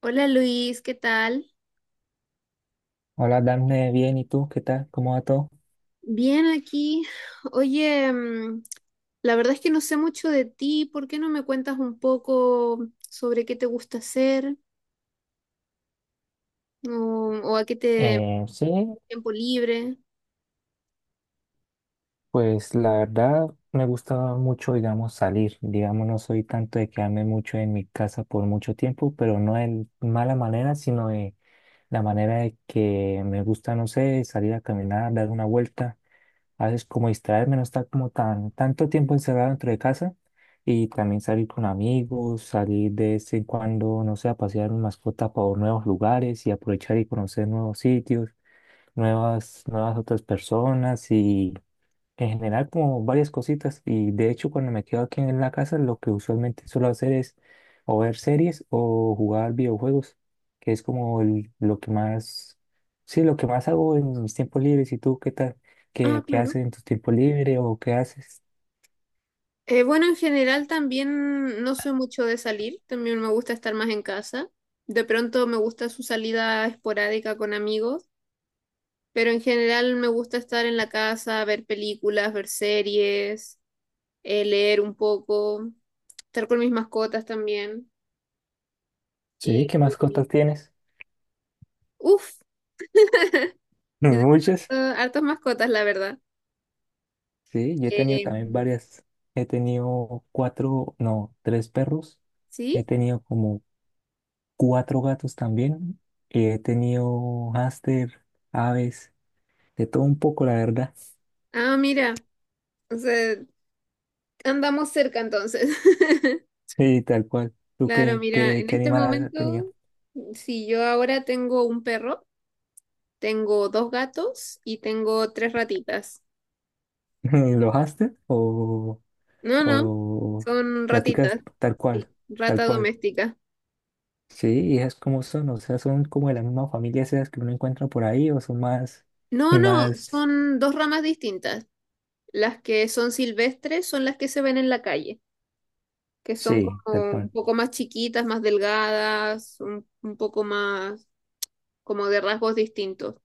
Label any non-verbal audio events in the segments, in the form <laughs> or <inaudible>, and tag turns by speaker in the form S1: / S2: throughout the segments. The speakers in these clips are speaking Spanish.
S1: Hola Luis, ¿qué tal?
S2: Hola, Dafne, bien, ¿y tú? ¿Qué tal? ¿Cómo va todo?
S1: Bien aquí. Oye, la verdad es que no sé mucho de ti. ¿Por qué no me cuentas un poco sobre qué te gusta hacer o, o a qué te
S2: Sí,
S1: tiempo libre?
S2: pues la verdad me gusta mucho, digamos, salir. Digamos, no soy tanto de quedarme mucho en mi casa por mucho tiempo, pero no en mala manera, sino de la manera de que me gusta, no sé, salir a caminar, dar una vuelta. A veces como distraerme, no estar como tanto tiempo encerrado dentro de casa. Y también salir con amigos, salir de vez en cuando, no sé, a pasear mi mascota por nuevos lugares y aprovechar y conocer nuevos sitios. Nuevas otras personas y en general como varias cositas. Y de hecho cuando me quedo aquí en la casa lo que usualmente suelo hacer es o ver series o jugar videojuegos, que es como lo que más, sí, lo que más hago en mis tiempos libres. ¿Y tú qué tal?
S1: Ah,
S2: ¿Qué
S1: claro.
S2: haces en tu tiempo libre o qué haces?
S1: Bueno, en general también no soy mucho de salir. También me gusta estar más en casa. De pronto me gusta su salida esporádica con amigos, pero en general me gusta estar en la casa, ver películas, ver series, leer un poco. Estar con mis mascotas también.
S2: Sí,
S1: Y,
S2: ¿qué más
S1: y-
S2: cosas tienes?
S1: uf,
S2: <laughs>
S1: <laughs> yo tengo
S2: Muchas.
S1: hartas mascotas, la verdad.
S2: Sí, yo he tenido
S1: Eh,
S2: también varias. He tenido cuatro, no, tres perros. He
S1: ¿Sí?
S2: tenido como cuatro gatos también. He tenido hámster, aves, de todo un poco, la verdad. <laughs>
S1: Ah, mira, o sea, andamos cerca entonces. <laughs>
S2: Sí, tal cual. ¿Tú
S1: Claro,
S2: qué,
S1: mira,
S2: qué,
S1: en
S2: qué
S1: este
S2: animal has tenido?
S1: momento, si yo ahora tengo un perro, tengo dos gatos y tengo tres ratitas.
S2: <laughs> ¿Los hámster o,
S1: No, no,
S2: o
S1: son
S2: practicas
S1: ratitas,
S2: tal cual?
S1: sí,
S2: Tal
S1: rata
S2: cual.
S1: doméstica.
S2: Sí, y esas como son, o sea, son como de la misma familia esas que uno encuentra por ahí o son más,
S1: No, no,
S2: más,
S1: son dos ramas distintas. Las que son silvestres son las que se ven en la calle. Que son
S2: sí,
S1: como
S2: tal cual.
S1: un poco más chiquitas, más delgadas, un poco más como de rasgos distintos.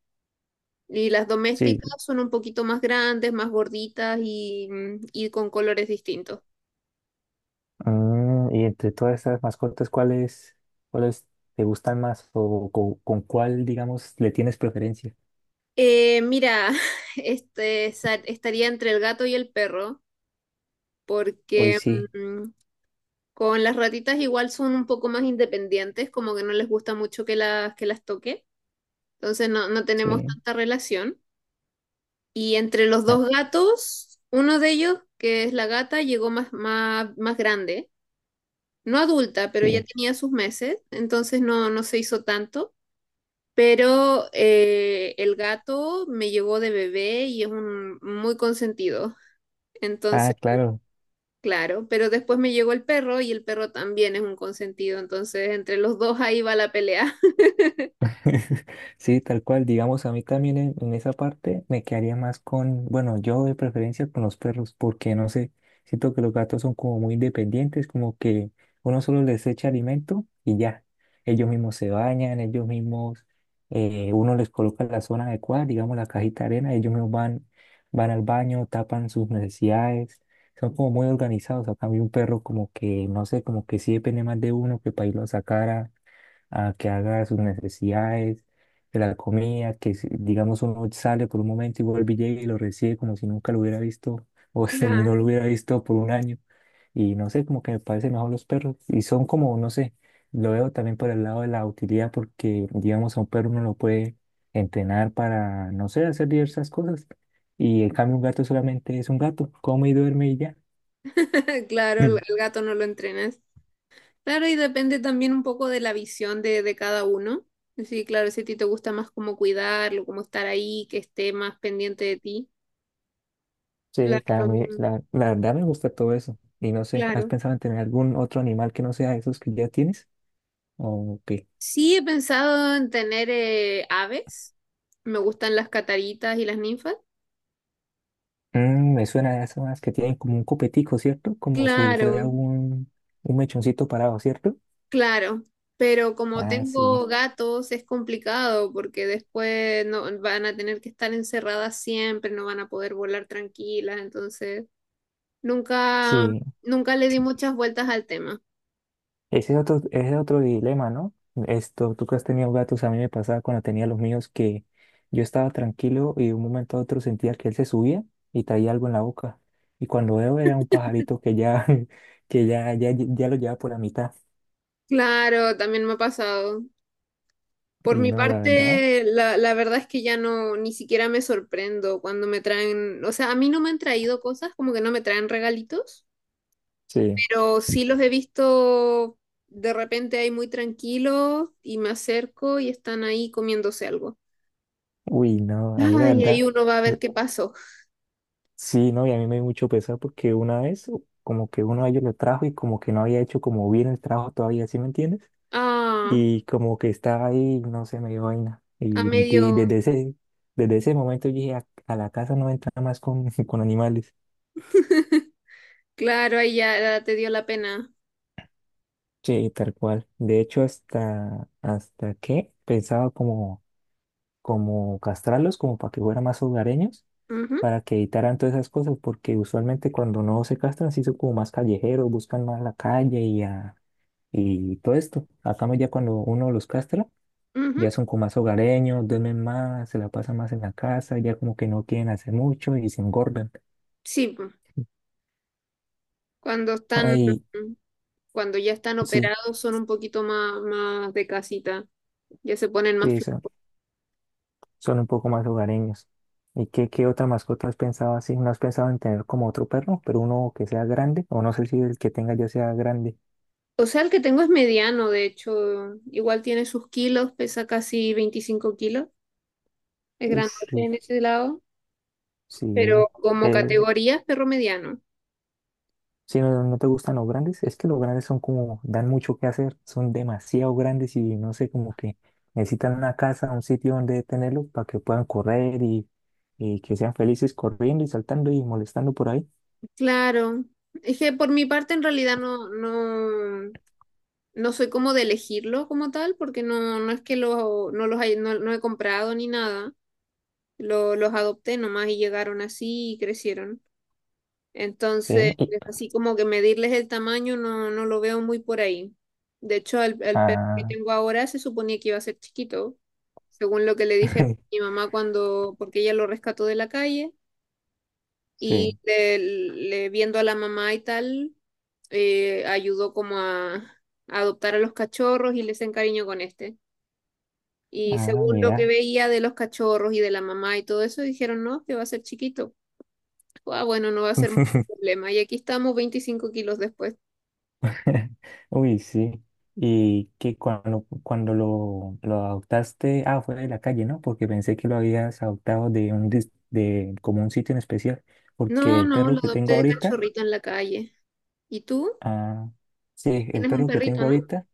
S1: Y las
S2: Sí.
S1: domésticas son un poquito más grandes, más gorditas y con colores distintos.
S2: Y entre todas esas mascotas, ¿cuáles te gustan más o con, cuál, digamos, le tienes preferencia?
S1: Mira, <laughs> estaría entre el gato y el perro,
S2: Hoy
S1: porque
S2: sí,
S1: mm, con las ratitas igual son un poco más independientes, como que no les gusta mucho que las toque, entonces no, no tenemos
S2: sí,
S1: tanta relación. Y entre los
S2: ah,
S1: dos gatos, uno de ellos, que es la gata, llegó más, más, más grande, no adulta, pero ya
S2: sí.
S1: tenía sus meses, entonces no, no se hizo tanto. Pero el gato me llegó de bebé y es un muy consentido.
S2: Ah,
S1: Entonces,
S2: claro.
S1: claro, pero después me llegó el perro y el perro también es un consentido. Entonces, entre los dos ahí va la pelea. <laughs>
S2: <laughs> Sí, tal cual, digamos, a mí también en esa parte me quedaría más con, bueno, yo de preferencia con los perros, porque no sé, siento que los gatos son como muy independientes, como que uno solo les echa alimento y ya, ellos mismos se bañan, ellos mismos, uno les coloca la zona adecuada, digamos, la cajita de arena, ellos mismos van al baño, tapan sus necesidades, son como muy organizados, a cambio un perro como que, no sé, como que sí depende más de uno que para irlo a sacar, a que haga sus necesidades, que la comida, que digamos uno sale por un momento y vuelve y llega y lo recibe como si nunca lo hubiera visto o <laughs> si no lo
S1: Claro,
S2: hubiera visto por un año. Y no sé, como que me parecen mejor los perros. Y son como, no sé, lo veo también por el lado de la utilidad porque, digamos, a un perro uno lo puede entrenar para, no sé, hacer diversas cosas. Y en cambio un gato solamente es un gato, come y duerme y ya.
S1: <laughs> claro, el
S2: <laughs>
S1: gato no lo entrenas. Claro, y depende también un poco de la visión de cada uno. Sí, claro, si a ti te gusta más cómo cuidarlo, cómo estar ahí, que esté más pendiente de ti.
S2: Sí,
S1: La-
S2: claro, me-
S1: um,
S2: la, la verdad me gusta todo eso. Y no sé, ¿has
S1: claro.
S2: pensado en tener algún otro animal que no sea esos que ya tienes? ¿O qué?
S1: Sí, he pensado en tener aves. Me gustan las cataritas y las ninfas.
S2: Me suena a esas más que tienen como un copetico, ¿cierto? Como si fuera
S1: Claro,
S2: un mechoncito parado, ¿cierto?
S1: claro. Pero como
S2: Ah, sí.
S1: tengo gatos, es complicado porque después no van a tener que estar encerradas siempre, no van a poder volar tranquilas, entonces. Nunca,
S2: Sí,
S1: nunca le di muchas vueltas al tema.
S2: ese es otro dilema, ¿no? Esto, tú que has tenido gatos, a mí me pasaba cuando tenía los míos que yo estaba tranquilo y de un momento a otro sentía que él se subía y traía algo en la boca. Y cuando veo era un pajarito que ya, <laughs> que ya lo llevaba por la mitad.
S1: Claro, también me ha pasado. Por
S2: Uy,
S1: mi
S2: no, la verdad.
S1: parte, la verdad es que ya no, ni siquiera me sorprendo cuando me traen, o sea, a mí no me han traído cosas, como que no me traen regalitos,
S2: Sí.
S1: pero sí los he visto de repente ahí muy tranquilos y me acerco y están ahí comiéndose algo.
S2: Uy, no, a mí la
S1: Ay, ahí
S2: verdad.
S1: uno va a
S2: me-
S1: ver qué pasó.
S2: Sí, no, y a mí me dio mucho pesar porque una vez como que uno de ellos lo trajo y como que no había hecho como bien el trabajo todavía, ¿sí me entiendes?
S1: Ah,
S2: Y como que estaba ahí, no sé, me dio vaina.
S1: a
S2: Y,
S1: medio,
S2: desde ese momento yo dije, a la casa no entra más con, <laughs> con animales.
S1: claro, ahí ya te dio la pena.
S2: Sí, tal cual. De hecho, hasta que pensaba como castrarlos, como para que fueran más hogareños,
S1: Ujú,
S2: para que evitaran todas esas cosas, porque usualmente cuando no se castran, sí son como más callejeros, buscan más la calle y, y todo esto. Acá ya cuando uno los castra,
S1: ujú.
S2: ya son como más hogareños, duermen más, se la pasan más en la casa, ya como que no quieren hacer mucho y se engordan.
S1: Sí, Cuando están,
S2: Ahí
S1: cuando ya están
S2: sí,
S1: operados, son un poquito más, más de casita, ya se ponen más
S2: sí, sí, son,
S1: flacos.
S2: son un poco más hogareños. ¿Y qué otra mascota has pensado así? ¿No has pensado en tener como otro perro, pero uno que sea grande? O no sé si el que tenga ya sea grande.
S1: O sea, el que tengo es mediano, de hecho, igual tiene sus kilos, pesa casi 25 kilos, es
S2: Uf,
S1: grandote
S2: sí,
S1: en ese lado,
S2: sí.
S1: pero como
S2: eh,
S1: categoría es perro mediano.
S2: Si no, no te gustan los grandes, es que los grandes son como, dan mucho que hacer, son demasiado grandes y no sé, como que necesitan una casa, un sitio donde tenerlo para que puedan correr y que sean felices corriendo y saltando y molestando por ahí.
S1: Claro, es que por mi parte en realidad no, no, no soy como de elegirlo como tal, porque no, no es que lo, no no, no he comprado ni nada, los adopté nomás y llegaron así y crecieron. Entonces,
S2: Sí,
S1: así como que medirles el tamaño no, no lo veo muy por ahí. De hecho, el perro que
S2: ah,
S1: tengo ahora se suponía que iba a ser chiquito, según lo que le dije a mi
S2: <laughs>
S1: mamá cuando, porque ella lo rescató de la calle
S2: sí,
S1: y viendo a la mamá y tal, ayudó como a adoptar a los cachorros y les encariñó con este. Y
S2: ah,
S1: según lo que
S2: mira.
S1: veía de los cachorros y de la mamá y todo eso, dijeron, no, que va a ser chiquito. Ah, bueno, no va a ser mucho problema. Y aquí estamos 25 kilos después.
S2: <laughs> Uy, sí. Y que cuando lo adoptaste, ah, fue de la calle, ¿no? Porque pensé que lo habías adoptado de un de como un sitio en especial. Porque
S1: No,
S2: el
S1: no, lo
S2: perro que
S1: adopté
S2: tengo
S1: de
S2: ahorita.
S1: cachorrito en la calle. ¿Y tú?
S2: Ah, sí, el
S1: Tienes un
S2: perro que
S1: perrito,
S2: tengo
S1: ¿no?
S2: ahorita,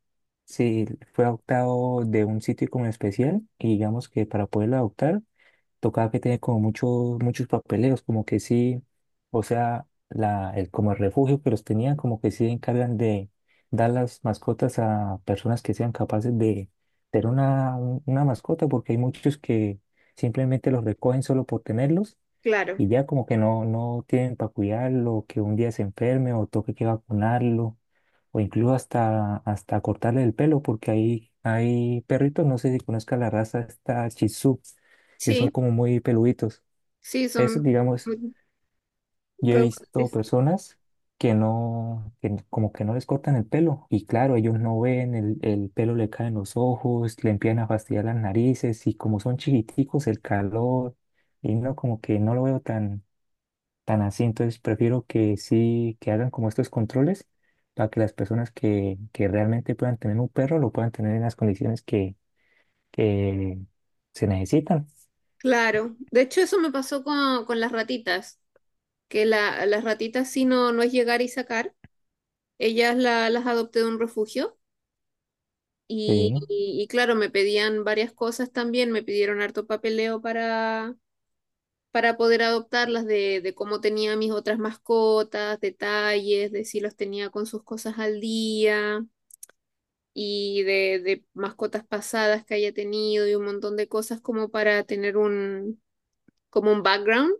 S2: sí, fue adoptado de un sitio como especial y digamos que para poderlo adoptar tocaba que tenía como muchos papeleos, como que sí, o sea, la, el, como el refugio que los tenían, como que sí encargan de dar las mascotas a personas que sean capaces de tener una, una mascota, porque hay muchos que simplemente los recogen solo por tenerlos
S1: Claro,
S2: y ya como que no tienen para cuidarlo, que un día se enferme o toque que vacunarlo o incluso hasta cortarle el pelo, porque hay perritos, no sé si conozca la raza, esta Shih Tzu, que son
S1: sí,
S2: como muy peluditos.
S1: sí,
S2: Esos,
S1: son
S2: digamos,
S1: muy
S2: yo he visto
S1: rebotes.
S2: personas que no, como que no les cortan el pelo, y claro, ellos no ven, el pelo le cae en los ojos, le empiezan a fastidiar las narices, y como son chiquiticos, el calor, y no, como que no lo veo tan así. Entonces prefiero que sí, que hagan como estos controles para que las personas que realmente puedan tener un perro lo puedan tener en las condiciones que se necesitan.
S1: Claro, de hecho eso me pasó con, las ratitas, que las ratitas sí no, no es llegar y sacar, ellas las adopté de un refugio y,
S2: Sí,
S1: y, y claro, me pedían varias cosas también, me pidieron harto papeleo para poder adoptarlas, de cómo tenía mis otras mascotas, detalles, de si los tenía con sus cosas al día. Y de mascotas pasadas que haya tenido y un montón de cosas como para tener un, como un background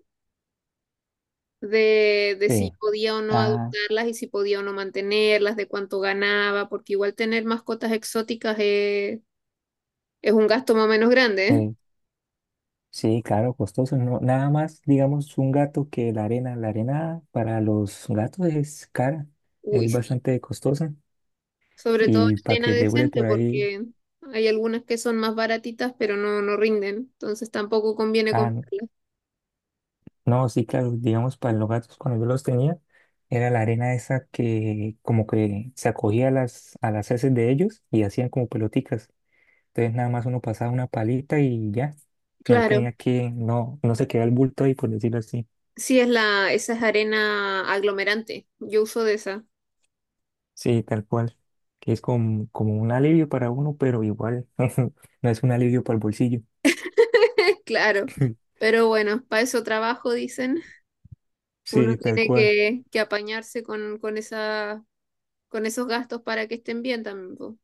S1: de si
S2: sí.
S1: podía o no
S2: Ah,
S1: adoptarlas y si podía o no mantenerlas, de cuánto ganaba, porque igual tener mascotas exóticas es un gasto más o menos grande, ¿eh?
S2: eh, sí, claro, costoso. No, nada más, digamos, un gato que la arena. La arena para los gatos es cara,
S1: Uy,
S2: es
S1: sí.
S2: bastante costosa.
S1: Sobre todo
S2: Y para
S1: arena
S2: que le dure
S1: decente,
S2: por ahí.
S1: porque hay algunas que son más baratitas, pero no, no rinden, entonces tampoco conviene
S2: Ah, no,
S1: comprarlas.
S2: no, sí, claro, digamos, para los gatos cuando yo los tenía, era la arena esa que como que se acogía a las heces de ellos y hacían como peloticas. Entonces nada más uno pasaba una palita y ya, no
S1: Claro.
S2: tenía que, no se quedaba el bulto ahí, por decirlo así.
S1: Sí, esa es arena aglomerante. Yo uso de esa.
S2: Sí, tal cual, que es como un alivio para uno, pero igual <laughs> no es un alivio para el bolsillo.
S1: <laughs> Claro,
S2: <laughs>
S1: pero bueno, para eso trabajo, dicen. Uno
S2: Sí, tal
S1: tiene
S2: cual,
S1: que apañarse con esos gastos para que estén bien también. Po.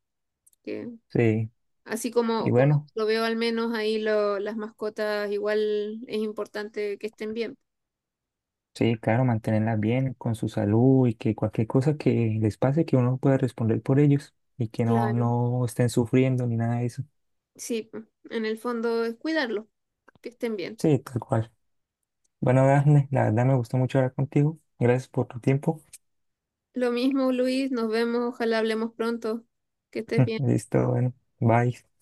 S1: Que,
S2: sí.
S1: así
S2: Y
S1: como
S2: bueno.
S1: lo veo al menos ahí las mascotas, igual es importante que estén bien.
S2: Sí, claro, mantenerlas bien con su salud y que cualquier cosa que les pase, que uno pueda responder por ellos y que no,
S1: Claro,
S2: no estén sufriendo ni nada de eso.
S1: sí, po. En el fondo es cuidarlos, que estén bien.
S2: Sí, tal cual. Bueno, Dafne, la verdad me gustó mucho hablar contigo. Gracias por tu tiempo.
S1: Lo mismo, Luis, nos vemos, ojalá hablemos pronto, que estés
S2: <laughs>
S1: bien.
S2: Listo, bueno, bye.